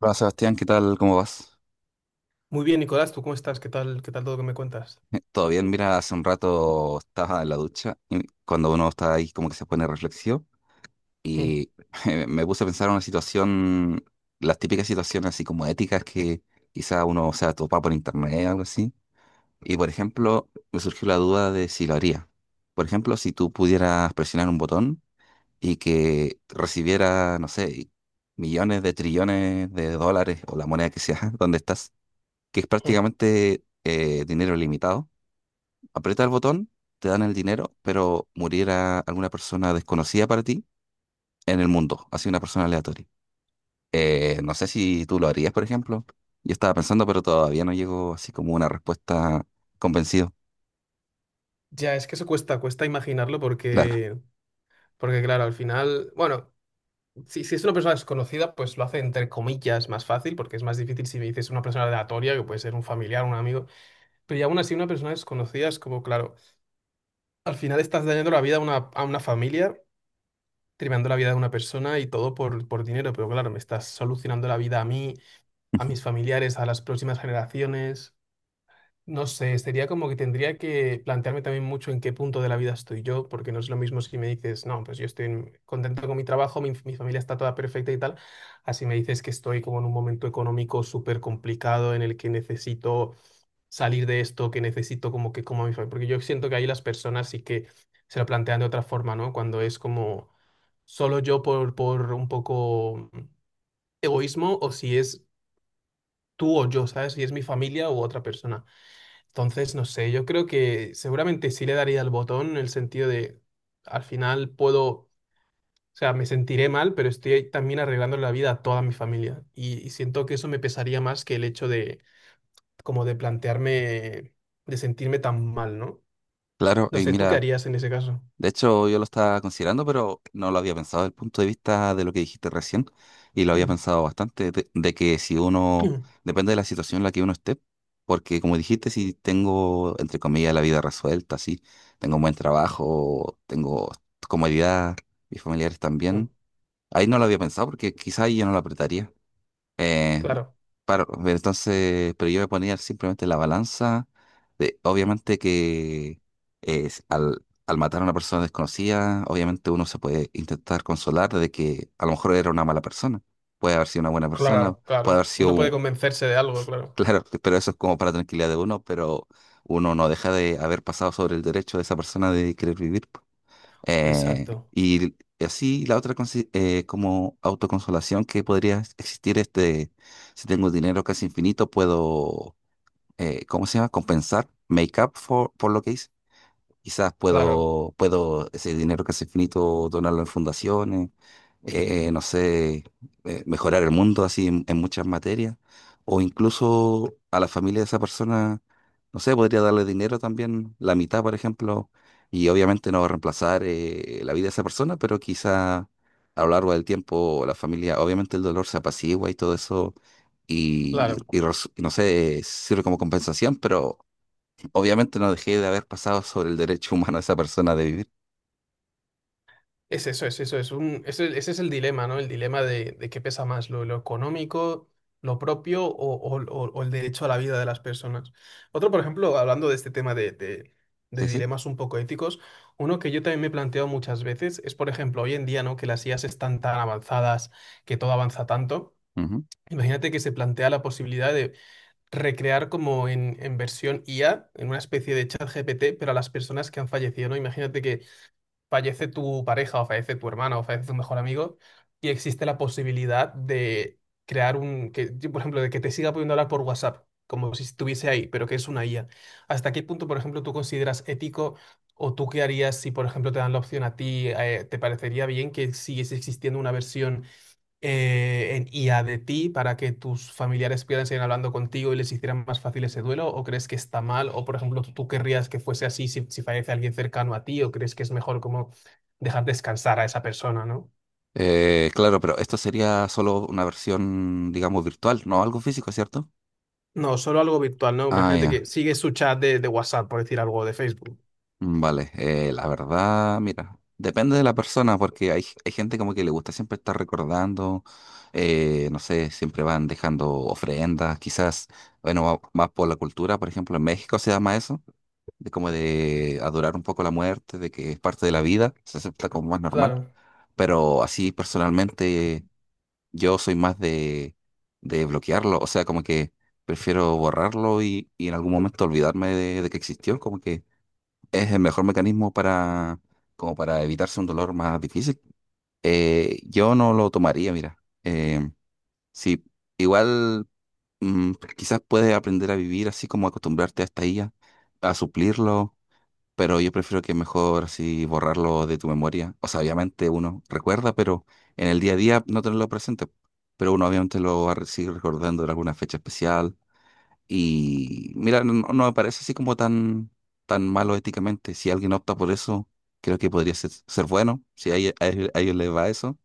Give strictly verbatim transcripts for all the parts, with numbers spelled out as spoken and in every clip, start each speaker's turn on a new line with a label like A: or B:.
A: Hola Sebastián, ¿qué tal? ¿Cómo vas?
B: Muy bien, Nicolás, ¿tú cómo estás? ¿Qué tal, qué tal todo que me cuentas?
A: Eh, Todo bien, mira, hace un rato estaba en la ducha y cuando uno está ahí como que se pone reflexivo
B: Mm,
A: y me me puse a pensar en una situación, las típicas situaciones así como éticas que quizá uno se topa por internet o algo así. Y por ejemplo, me surgió la duda de si lo haría. Por ejemplo, si tú pudieras presionar un botón y que recibiera, no sé, millones de trillones de dólares o la moneda que sea, ¿dónde estás? Que es
B: mm.
A: prácticamente eh, dinero limitado. Aprieta el botón, te dan el dinero, pero muriera alguna persona desconocida para ti en el mundo, así una persona aleatoria. Eh, no sé si tú lo harías, por ejemplo. Yo estaba pensando, pero todavía no llegó así como una respuesta convencido.
B: Ya, es que eso cuesta, cuesta imaginarlo
A: Claro,
B: porque, porque claro, al final, bueno, si, si es una persona desconocida, pues lo hace entre comillas más fácil, porque es más difícil si me dices una persona aleatoria, que puede ser un familiar, un amigo, pero ya aún así una persona desconocida es como, claro, al final estás dañando la vida a una, a una familia, tremendo la vida de una persona y todo por, por dinero, pero claro, me estás solucionando la vida a mí, a mis familiares, a las próximas generaciones. No sé, sería como que tendría que plantearme también mucho en qué punto de la vida estoy yo, porque no es lo mismo si me dices, no, pues yo estoy en- contento con mi trabajo, mi, mi familia está toda perfecta y tal, así me dices que estoy como en un momento económico súper complicado en el que necesito salir de esto, que necesito como que como a mi familia, porque yo siento que ahí las personas sí que se lo plantean de otra forma, ¿no? Cuando es como solo yo por, por un poco egoísmo o si es tú o yo, ¿sabes? Si es mi familia u otra persona. Entonces, no sé, yo creo que seguramente sí le daría el botón en el sentido de, al final puedo, o sea, me sentiré mal, pero estoy también arreglando la vida a toda mi familia. Y, y siento que eso me pesaría más que el hecho de, como de plantearme, de sentirme tan mal, ¿no?
A: claro.
B: No
A: Y
B: sé, ¿tú qué
A: mira,
B: harías en ese caso?
A: de hecho, yo lo estaba considerando, pero no lo había pensado desde el punto de vista de lo que dijiste recién, y lo había pensado bastante, de, de que si uno, depende de la situación en la que uno esté, porque como dijiste, si tengo, entre comillas, la vida resuelta, sí, tengo un buen trabajo, tengo comodidad, mis familiares
B: Mm,
A: también, ahí no lo había pensado porque quizá ahí yo no lo apretaría. Eh,
B: claro,
A: Paro, entonces, pero yo voy a poner simplemente la balanza de, obviamente que es al, al matar a una persona desconocida, obviamente uno se puede intentar consolar de que a lo mejor era una mala persona, puede haber sido una buena persona,
B: claro,
A: puede haber
B: claro.
A: sido
B: Uno puede
A: un-
B: convencerse de algo, claro.
A: claro, pero eso es como para tranquilidad de uno, pero uno no deja de haber pasado sobre el derecho de esa persona de querer vivir. Eh,
B: Exacto.
A: y así la otra consi- eh, como autoconsolación que podría existir es de, si tengo dinero casi infinito, puedo, eh, ¿cómo se llama? Compensar, make up for, por lo que hice. Quizás
B: Claro,
A: puedo, puedo ese dinero que es infinito donarlo en fundaciones, eh, no sé, eh, mejorar el mundo así en, en muchas materias, o incluso a la familia de esa persona, no sé, podría darle dinero también, la mitad, por ejemplo, y obviamente no reemplazar eh, la vida de esa persona, pero quizá a lo largo del tiempo la familia, obviamente el dolor se apacigua y todo eso, y,
B: claro.
A: y res- no sé, sirve como compensación, pero obviamente no dejé de haber pasado sobre el derecho humano de esa persona de vivir.
B: Es eso, es eso, es un, ese ese es el dilema, ¿no? El dilema de, de qué pesa más, lo, lo económico, lo propio o, o- o- o el derecho a la vida de las personas. Otro, por ejemplo, hablando de este tema de, de- de
A: Sí, sí.
B: dilemas un poco éticos, uno que yo también me he planteado muchas veces es, por ejemplo, hoy en día, ¿no? Que las I As están tan avanzadas, que todo avanza tanto.
A: Ujú.
B: Imagínate que se plantea la posibilidad de recrear como en, en versión I A, en una especie de chat G P T, pero a las personas que han fallecido, ¿no? Imagínate que fallece tu pareja o fallece tu hermana o fallece tu mejor amigo y existe la posibilidad de crear un, que, yo, por ejemplo, de que te siga pudiendo hablar por WhatsApp, como si estuviese ahí, pero que es una I A. ¿Hasta qué punto, por ejemplo, tú consideras ético o tú qué harías si, por ejemplo, te dan la opción a ti, eh, te parecería bien que siguiese existiendo una versión eh, en- y a de ti para que tus familiares pudieran seguir hablando contigo y les hicieran más fácil ese duelo? ¿O crees que está mal? ¿O, por ejemplo, tú tú querrías que fuese así si, si fallece alguien cercano a ti? ¿O crees que es mejor como dejar descansar a esa persona, ¿no?
A: Eh, claro, pero esto sería solo una versión, digamos, virtual, no algo físico, ¿cierto?
B: No, solo algo virtual, ¿no?
A: Ah,
B: Imagínate
A: ya.
B: que sigue su chat de, de WhatsApp, por decir algo, de Facebook.
A: Mm, vale. Eh, la verdad, mira, depende de la persona, porque hay, hay gente como que le gusta siempre estar recordando, eh, no sé, siempre van dejando ofrendas, quizás, bueno, va- más por la cultura, por ejemplo, en México se llama eso, de como de adorar un poco la muerte, de que es parte de la vida, se acepta como más normal.
B: Claro,
A: Pero así personalmente yo soy más de, de bloquearlo, o sea, como que prefiero borrarlo y, y en algún momento olvidarme de, de que existió, como que es el mejor mecanismo para, como para evitarse un dolor más difícil. Eh, yo no lo tomaría, mira. Eh, sí, igual mm, quizás puedes aprender a vivir así como acostumbrarte a esta I A, a a suplirlo pero yo prefiero que mejor así borrarlo de tu memoria. O sea, obviamente uno recuerda, pero en el día a día no tenerlo presente. Pero uno obviamente lo va a seguir recordando en alguna fecha especial. Y mira, no, no no me parece así como tan, tan malo éticamente. Si alguien opta por eso, creo que podría ser, ser bueno, si a, ella- a ellos a ellos les va eso.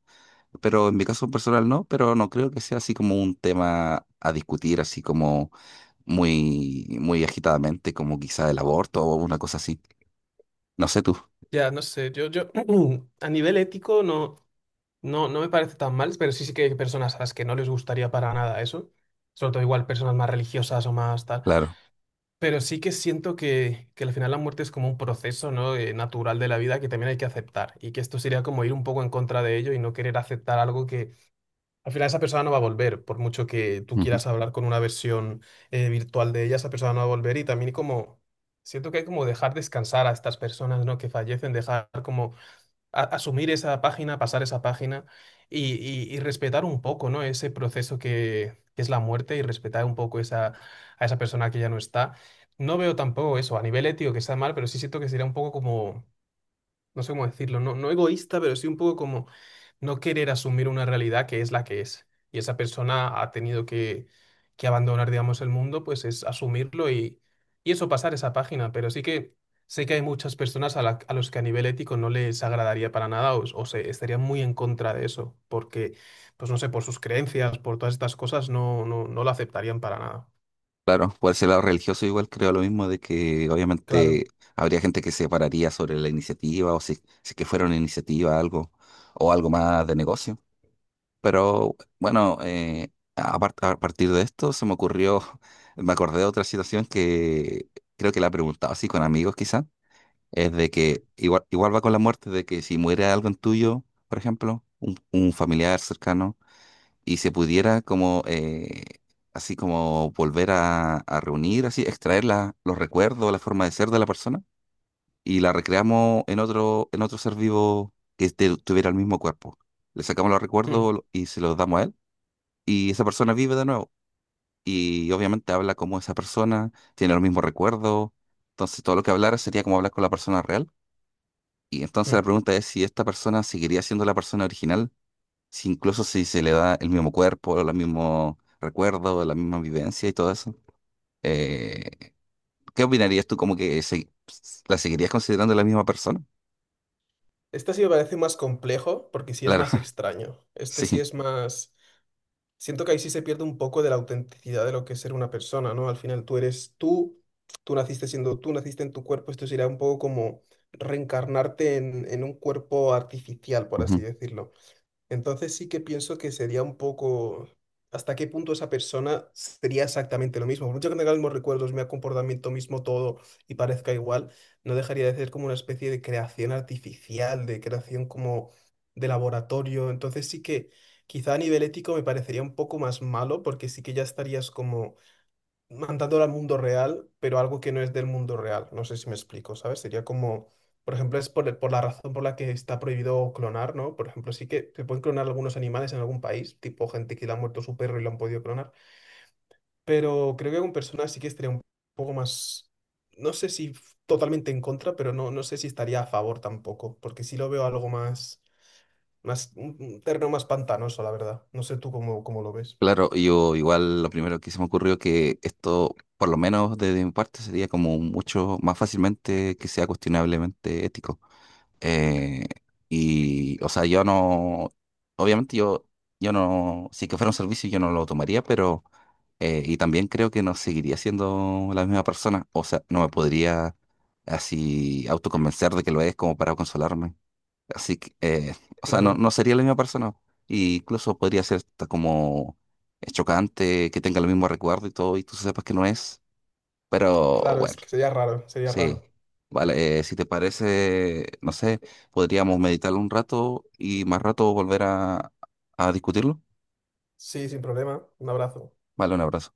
A: Pero en mi caso personal no, pero no creo que sea así como un tema a discutir, así como muy, muy agitadamente, como quizá el aborto o una cosa así. No sé tú,
B: ya, no sé, yo, yo a nivel ético no, no, no me parece tan mal, pero sí, sí que hay personas a las que no les gustaría para nada eso, sobre todo igual personas más religiosas o más tal.
A: claro.
B: Pero sí que siento que, que al final la muerte es como un proceso, ¿no? eh, natural de la vida que también hay que aceptar y que esto sería como ir un poco en contra de ello y no querer aceptar algo que al final esa persona no va a volver, por mucho que tú
A: Ujú.
B: quieras hablar con una versión eh, virtual de ella, esa persona no va a volver y también como siento que hay como dejar descansar a estas personas, ¿no? Que fallecen, dejar como a- asumir esa página, pasar esa página y, y- y respetar un poco, ¿no? Ese proceso que, que es la muerte y respetar un poco esa, a esa persona que ya no está. No veo tampoco eso a nivel ético que está mal, pero sí siento que sería un poco como no sé cómo decirlo, no, no egoísta, pero sí un poco como no querer asumir una realidad que es la que es. Y esa persona ha tenido que, que abandonar, digamos, el mundo, pues es asumirlo y, y eso, pasar esa página. Pero sí que sé que hay muchas personas a, la- a los que a nivel ético no les agradaría para nada o, o se estarían muy en contra de eso, porque, pues no sé, por sus creencias, por todas estas cosas, no, no, no lo aceptarían para nada.
A: Claro, por ese lado religioso igual creo lo mismo de que obviamente
B: Claro.
A: habría gente que se pararía sobre la iniciativa o si, si que fuera una iniciativa algo o algo más de negocio. Pero bueno, eh, a, par- a partir de esto se me ocurrió, me acordé de otra situación que creo que la he preguntado así con amigos quizá, es de que igual, igual va con la muerte, de que si muere algo tuyo, por ejemplo, un, un familiar cercano y se pudiera como eh, así como volver a, a reunir, así extraer la- los recuerdos, la forma de ser de la persona y la recreamos en otro en otro ser vivo que este- tuviera el mismo cuerpo. Le sacamos los
B: Mm,
A: recuerdos lo- y se los damos a él y esa persona vive de nuevo y obviamente habla como esa persona, tiene los mismos recuerdos, entonces todo lo que hablara sería como hablar con la persona real. Y entonces la
B: mm.
A: pregunta es si esta persona seguiría siendo la persona original si incluso si se le da el mismo cuerpo, los mismos recuerdos, la misma vivencia y todo eso. Eh, ¿Qué opinarías tú como que se- la seguirías considerando la misma persona?
B: Este sí me parece más complejo porque sí es
A: Claro,
B: más extraño. Este sí
A: sí.
B: es más... Siento que ahí sí se pierde un poco de la autenticidad de lo que es ser una persona, ¿no? Al final tú eres tú, tú naciste siendo tú, naciste en tu cuerpo, esto sería un poco como reencarnarte en, en un cuerpo artificial, por así
A: Ujú.
B: decirlo. Entonces sí que pienso que sería un poco hasta qué punto esa persona sería exactamente lo mismo. Por mucho que tenga los mismos recuerdos, mi comportamiento mismo, todo y parezca igual, no dejaría de ser como una especie de creación artificial, de creación como de laboratorio. Entonces sí que quizá a nivel ético me parecería un poco más malo porque sí que ya estarías como mandándolo al mundo real, pero algo que no es del mundo real. No sé si me explico, ¿sabes? Sería como, por ejemplo, es por, el- por la razón por la que está prohibido clonar, ¿no? Por ejemplo, sí que se pueden clonar algunos animales en algún país, tipo gente que le ha muerto su perro y lo han podido clonar, pero creo que con personas sí que estaría un poco más, no sé si f- totalmente en contra, pero no, no sé si estaría a favor tampoco, porque sí lo veo algo más, más un un terreno más pantanoso, la verdad. No sé tú cómo, cómo lo ves.
A: Claro, yo igual lo primero que se me ocurrió que esto, por lo menos desde mi parte, sería como mucho más fácilmente que sea cuestionablemente ético. Eh, y, o sea, yo no, obviamente yo, yo no, si que fuera un servicio yo no lo tomaría, pero, eh, y también creo que no seguiría siendo la misma persona, o sea, no me podría así autoconvencer de que lo es como para consolarme. Así que, eh, o sea, no,
B: Claro,
A: no sería la misma persona, y incluso podría ser hasta como eh, chocante que tenga el mismo recuerdo y todo, y tú sepas que no es, pero
B: claro, es
A: bueno.
B: que sería raro, sería
A: Sí,
B: raro.
A: vale, eh, si te parece, no sé, podríamos meditarlo un rato y más rato volver a, a discutirlo.
B: Sí, sin problema. Un abrazo.
A: Vale, un abrazo.